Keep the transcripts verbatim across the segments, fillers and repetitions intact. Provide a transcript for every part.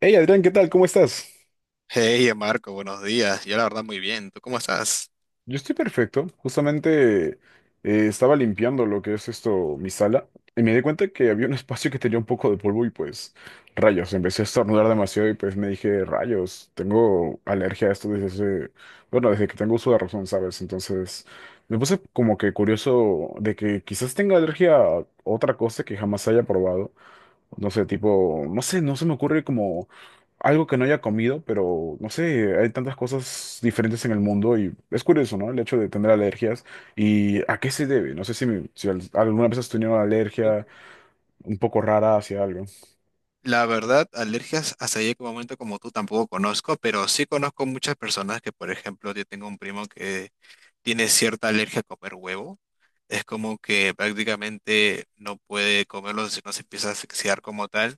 Hey Adrián, ¿qué tal? ¿Cómo estás? Hey, Marco, buenos días. Yo la verdad muy bien. ¿Tú cómo estás? Yo estoy perfecto. Justamente eh, estaba limpiando lo que es esto, mi sala, y me di cuenta que había un espacio que tenía un poco de polvo y pues rayos, empecé a estornudar demasiado y pues me dije, rayos, tengo alergia a esto desde hace, bueno, desde que tengo uso de razón, ¿sabes? Entonces me puse como que curioso de que quizás tenga alergia a otra cosa que jamás haya probado. No sé, tipo, no sé, no se me ocurre como algo que no haya comido, pero no sé, hay tantas cosas diferentes en el mundo y es curioso, ¿no? El hecho de tener alergias y a qué se debe. No sé si, me- si al- alguna vez has tenido una Uh. alergia un poco rara hacia algo. La verdad, alergias hasta ahí que momento como tú tampoco conozco, pero sí conozco muchas personas que, por ejemplo, yo tengo un primo que tiene cierta alergia a comer huevo. Es como que prácticamente no puede comerlo si no se empieza a asfixiar como tal.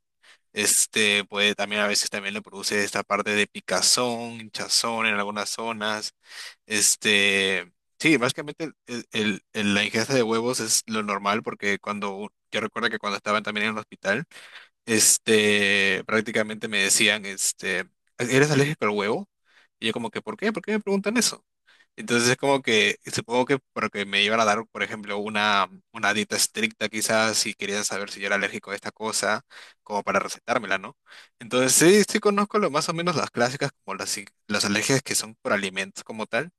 Este puede también a veces también le produce esta parte de picazón, hinchazón en algunas zonas. Este, sí, básicamente el- el- el- la ingesta de huevos es lo normal porque cuando, u- yo recuerdo que cuando estaba también en el hospital, este, prácticamente me decían, este, ¿eres alérgico al huevo? Y yo como que, ¿por qué? ¿Por qué me preguntan eso? Entonces es como que, supongo que porque me iban a dar, por ejemplo, una, una dieta estricta quizás si querían saber si yo era alérgico a esta cosa, como para recetármela, ¿no? Entonces sí, sí conozco lo, más o menos las clásicas, como las, i- las alergias que son por alimentos como tal.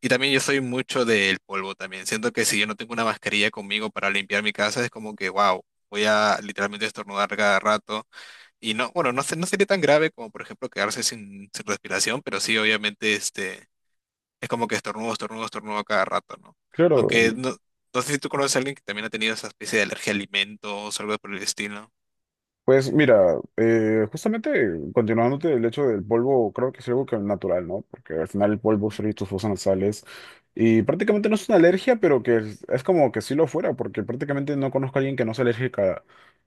Y también yo soy mucho del polvo también. Siento que si yo no tengo una mascarilla conmigo para limpiar mi casa, es como que, wow. Voy a literalmente estornudar cada rato. Y no, bueno, no, se- no sería tan grave como, por ejemplo, quedarse sin, sin respiración, pero sí, obviamente, este, es como que estornudo, estornudo, estornudo a cada rato, ¿no? Claro, Aunque no, no sé si tú conoces a alguien que también ha tenido esa especie de alergia a alimentos o algo por el estilo. pues mira, eh, justamente continuándote del hecho del polvo, creo que es algo que es natural, ¿no? Porque al final el polvo son tus fosas nasales y prácticamente no es una alergia, pero que es, es como que sí lo fuera, porque prácticamente no conozco a alguien que no sea alérgica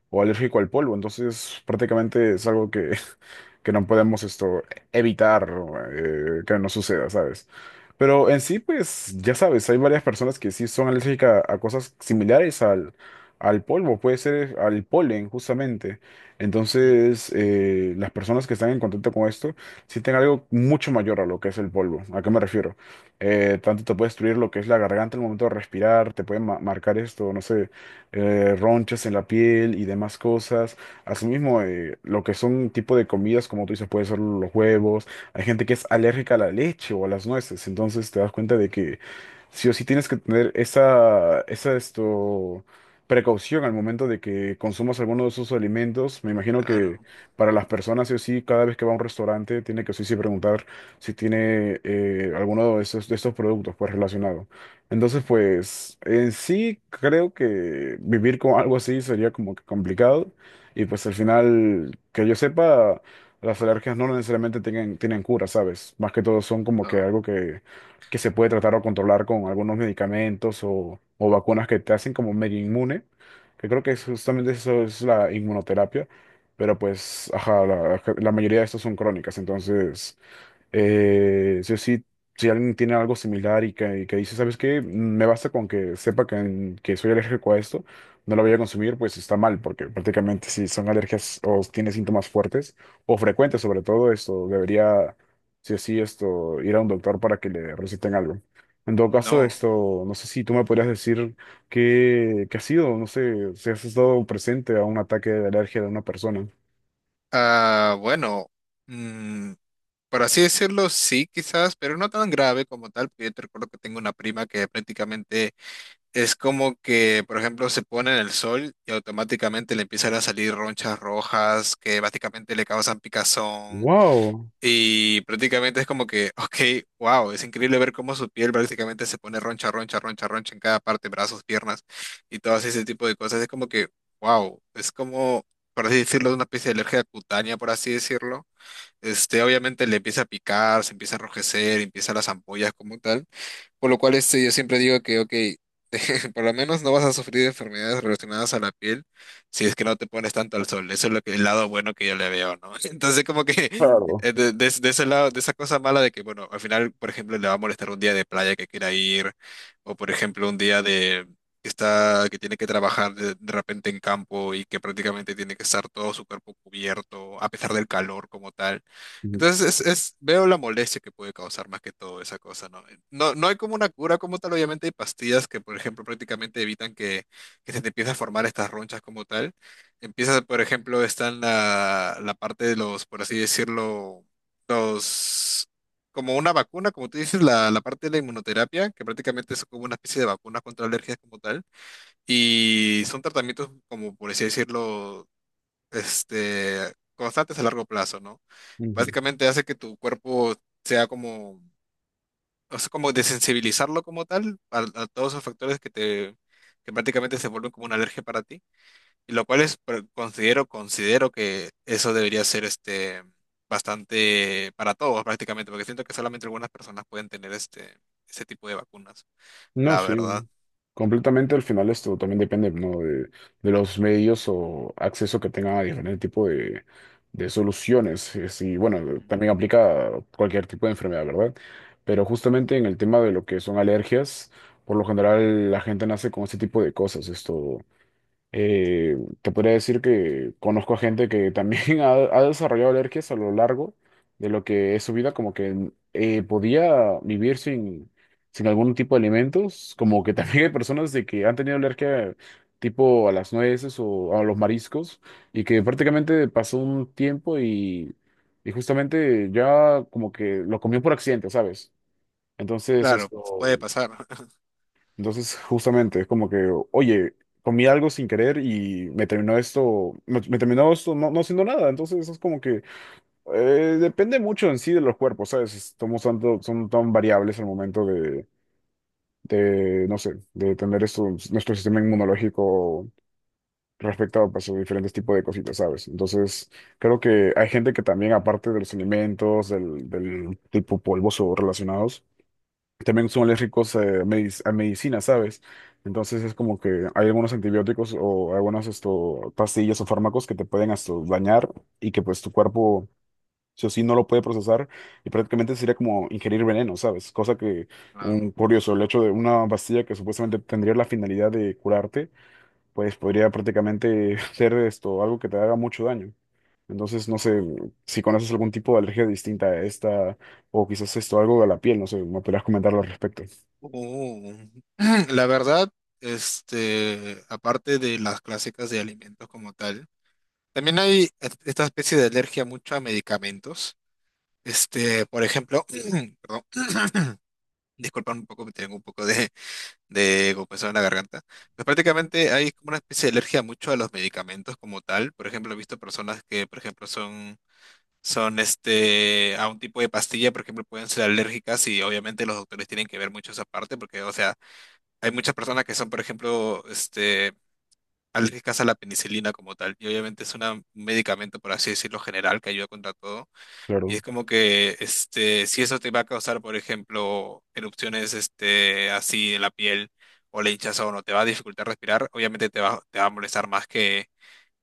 o alérgico al polvo, entonces prácticamente es algo que, que no podemos esto evitar eh, que no suceda, ¿sabes? Pero en sí, pues ya sabes, hay varias personas que sí son alérgicas a cosas similares al, al polvo, puede ser al polen justamente. Entonces, eh, las personas que están en contacto con esto sienten algo mucho mayor a lo que es el polvo. ¿A qué me refiero? Eh, tanto te puede destruir lo que es la garganta en el momento de respirar, te puede ma- marcar esto, no sé, eh, ronchas en la piel y demás cosas. Asimismo, eh, lo que son tipo de comidas, como tú dices, puede ser los huevos. Hay gente que es alérgica a la leche o a las nueces, entonces te das cuenta de que sí o sí tienes que tener esa, esa esto precaución al momento de que consumas alguno de esos alimentos. Me imagino que Claro. para las personas, sí o sí, cada vez que va a un restaurante, tiene que sí o sí preguntar si tiene eh, alguno de esos, de estos productos pues relacionado. Entonces, pues, en sí creo que vivir con algo así sería como que complicado. Y pues al final, que yo sepa, las alergias no necesariamente tienen, tienen cura, ¿sabes? Más que todo son como que No. algo que que se puede tratar o controlar con algunos medicamentos o, o vacunas que te hacen como medio inmune, que creo que es justamente eso es la inmunoterapia, pero pues, ajá, la, la mayoría de estos son crónicas, entonces... Eh, sí o sí, si alguien tiene algo similar y que, y que dice, ¿sabes qué? Me basta con que sepa que, que soy alérgico a esto, no lo voy a consumir, pues está mal, porque prácticamente si son alergias o tiene síntomas fuertes o frecuentes sobre todo, esto debería, sí o sí, esto, ir a un doctor para que le receten algo. En todo caso, No. esto, no sé si tú me podrías decir qué, qué ha sido, no sé, si has estado presente a un ataque de alergia de una persona. Ah, bueno, mm, por así decirlo, sí, quizás, pero no tan grave como tal, porque yo te recuerdo que tengo una prima que prácticamente es como que, por ejemplo, se pone en el sol y automáticamente le empiezan a salir ronchas rojas que básicamente le causan picazón. Wow, Y prácticamente es como que, ok, wow, es increíble ver cómo su piel prácticamente se pone roncha, roncha, roncha, roncha en cada parte, brazos, piernas y todo ese tipo de cosas. Es como que, wow, es como, por así decirlo, una especie de alergia cutánea, por así decirlo. Este, obviamente le empieza a picar, se empieza a enrojecer, empiezan las ampollas como tal. Por lo cual este, yo siempre digo que, ok, por lo menos no vas a sufrir de enfermedades relacionadas a la piel si es que no te pones tanto al sol. Eso es lo que, el lado bueno que yo le veo, ¿no? Entonces, como que claro. eh, de, de- de ese lado, de esa cosa mala de que, bueno, al final, por ejemplo, le va a molestar un día de playa que quiera ir, o por ejemplo, un día de que está, que tiene que trabajar de, de repente en campo y que prácticamente tiene que estar todo su cuerpo cubierto, a pesar del calor como tal. Entonces es, es- veo la molestia que puede causar más que todo esa cosa, ¿no? No, no hay como una cura como tal, obviamente hay pastillas que, por ejemplo, prácticamente evitan que, que se te empiecen a formar estas ronchas como tal. Empiezas, por ejemplo, está en la, la parte de los, por así decirlo, los, como una vacuna, como tú dices, la, la parte de la inmunoterapia, que prácticamente es como una especie de vacuna contra alergias como tal. Y son tratamientos como, por así decirlo, este, constantes a largo plazo, ¿no? Básicamente hace que tu cuerpo sea como, o sea, como desensibilizarlo como tal a, a todos esos factores que te, que prácticamente se vuelven como una alergia para ti, y lo cual es, pero considero, considero que eso debería ser este, bastante para todos prácticamente, porque siento que solamente algunas personas pueden tener este, ese tipo de vacunas, No, la verdad. sí, completamente al final esto también depende, ¿no? de, de los medios o acceso que tengan a diferente tipo de, de soluciones. Es- Y bueno, Ujú. también aplica a cualquier tipo de enfermedad, ¿verdad? Pero justamente en el tema de lo que son alergias, por lo general la gente nace con este tipo de cosas. Esto, eh, te podría decir que conozco a gente que también ha, ha desarrollado alergias a lo largo de lo que es su vida, como que eh, podía vivir sin, sin algún tipo de alimentos, como que también hay personas de que han tenido alergia tipo a las nueces o a los mariscos y que prácticamente pasó un tiempo y, y justamente ya como que lo comió por accidente, ¿sabes? Entonces Claro, esto... pues puede pasar. Entonces, justamente, es como que, oye, comí algo sin querer y me terminó esto, me, me terminó esto no, no siendo nada. Entonces, es como que eh, depende mucho en sí de los cuerpos, ¿sabes? Estamos tanto, son tan variables al momento de, de, no sé, de tener esto, nuestro sistema inmunológico respecto a pues, a diferentes tipos de cositas, ¿sabes? Entonces, creo que hay gente que también, aparte de los alimentos, del, del tipo polvoso relacionados, también son alérgicos eh, medic- a medicina, ¿sabes? Entonces es como que hay algunos antibióticos o algunas esto, pastillas o fármacos que te pueden esto, dañar y que pues tu cuerpo sí o sí no lo puede procesar y prácticamente sería como ingerir veneno, ¿sabes? Cosa que No, un no. curioso, el hecho de una pastilla que supuestamente tendría la finalidad de curarte, pues podría prácticamente ser esto, algo que te haga mucho daño. Entonces, no sé si conoces algún tipo de alergia distinta a esta o quizás esto algo de la piel, no sé, me podrías comentar al respecto. Oh, la verdad, este, aparte de las clásicas de alimentos como tal, también hay est- esta especie de alergia mucho a medicamentos. Este, por ejemplo, perdón, disculpa un poco, me tengo un poco de, de compresión en la garganta. Pues prácticamente hay como una especie de alergia mucho a los medicamentos como tal. Por ejemplo, he visto personas que, por ejemplo, son, son este, a un tipo de pastilla, por ejemplo, pueden ser alérgicas y obviamente los doctores tienen que ver mucho esa parte porque, o sea, hay muchas personas que son, por ejemplo, este, alérgicas a la penicilina como tal, y obviamente es una- un medicamento, por así decirlo, general que ayuda contra todo. Y Claro, es como que este, si eso te va a causar, por ejemplo, erupciones este, así en la piel o la hinchazón o no, te va a dificultar respirar, obviamente te va, te va a molestar más que,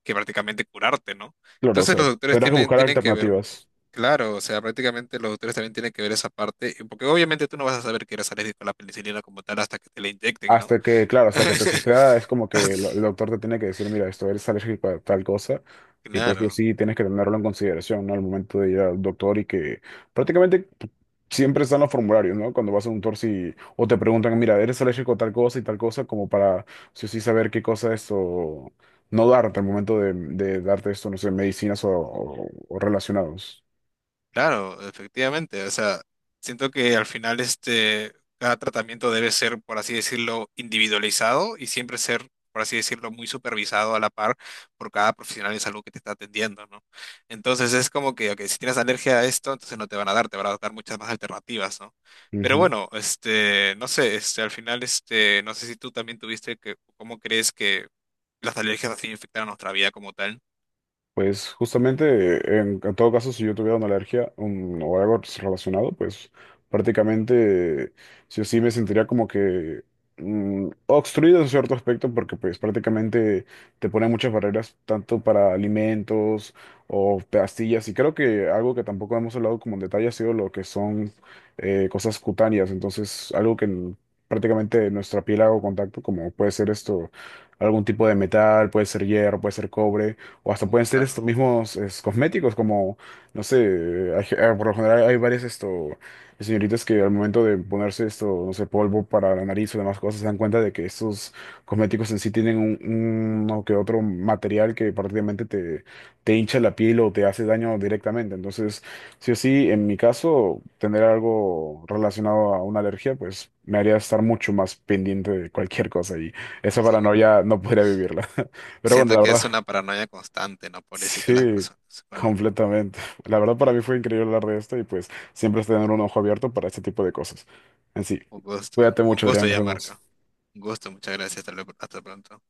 que prácticamente curarte, ¿no? claro, o Entonces sea, los doctores tendrás que tienen, buscar tienen que ver, alternativas. claro, o sea, prácticamente los doctores también tienen que ver esa parte, porque obviamente tú no vas a saber que eres alérgico a la penicilina como tal hasta que te la inyecten, ¿no? Hasta que, claro, hasta que te suceda, es como que el, el doctor te tiene que decir, mira, esto eres alérgico a tal cosa, y pues que Claro, sí tienes que tenerlo en consideración, ¿no? Al momento de ir al doctor y que prácticamente siempre están los formularios, ¿no? Cuando vas a un doctor si, o te preguntan, mira, eres alérgico a tal cosa y tal cosa, como para sí o sí saber qué cosa es o no darte al momento de, de darte esto, no sé, medicinas o, o- o relacionados. claro, efectivamente. O sea, siento que al final este, cada tratamiento debe ser, por así decirlo, individualizado y siempre ser, por así decirlo, muy supervisado a la par por cada profesional de salud que te está atendiendo, ¿no? Entonces es como que, ok, si tienes alergia a esto, entonces no te van a dar, te van a dar muchas más alternativas, ¿no? Pero bueno, este, no sé, este, al final, este, no sé si tú también tuviste que, ¿cómo crees que las alergias así afectaron nuestra vida como tal? Pues justamente, en, en todo caso, si yo tuviera una alergia un- o algo relacionado, pues prácticamente sí o sí me sentiría como que mm, obstruido en cierto aspecto, porque pues prácticamente te ponen muchas barreras, tanto para alimentos o pastillas, y creo que algo que tampoco hemos hablado como en detalle ha sido lo que son eh, cosas cutáneas, entonces algo que n- prácticamente nuestra piel hago contacto, como puede ser esto, algún tipo de metal, puede ser hierro, puede ser cobre o hasta Oh, pueden ser estos claro. mismos es, cosméticos, como, no sé, hay ge- eh, por lo general hay varias esto, señoritas que al momento de ponerse esto, no sé, polvo para la nariz o demás cosas, se dan cuenta de que estos cosméticos en sí tienen un, un- uno que otro material que prácticamente te, te hincha la piel o te hace daño directamente. Entonces, sí o sí, en mi caso, tener algo relacionado a una alergia, pues me haría estar mucho más pendiente de cualquier cosa y esa paranoia no podría vivirla. Pero bueno, Siento la que verdad. es una paranoia constante, ¿no? Pobrecita las Sí, personas. Bueno, completamente. La verdad para mí fue increíble hablar de esto y pues siempre es tener un ojo abierto para este tipo de cosas. En sí, un gusto. cuídate Un mucho, Adrián, gusto nos ya, Marco. vemos. Un gusto, muchas gracias. Hasta luego- hasta pronto.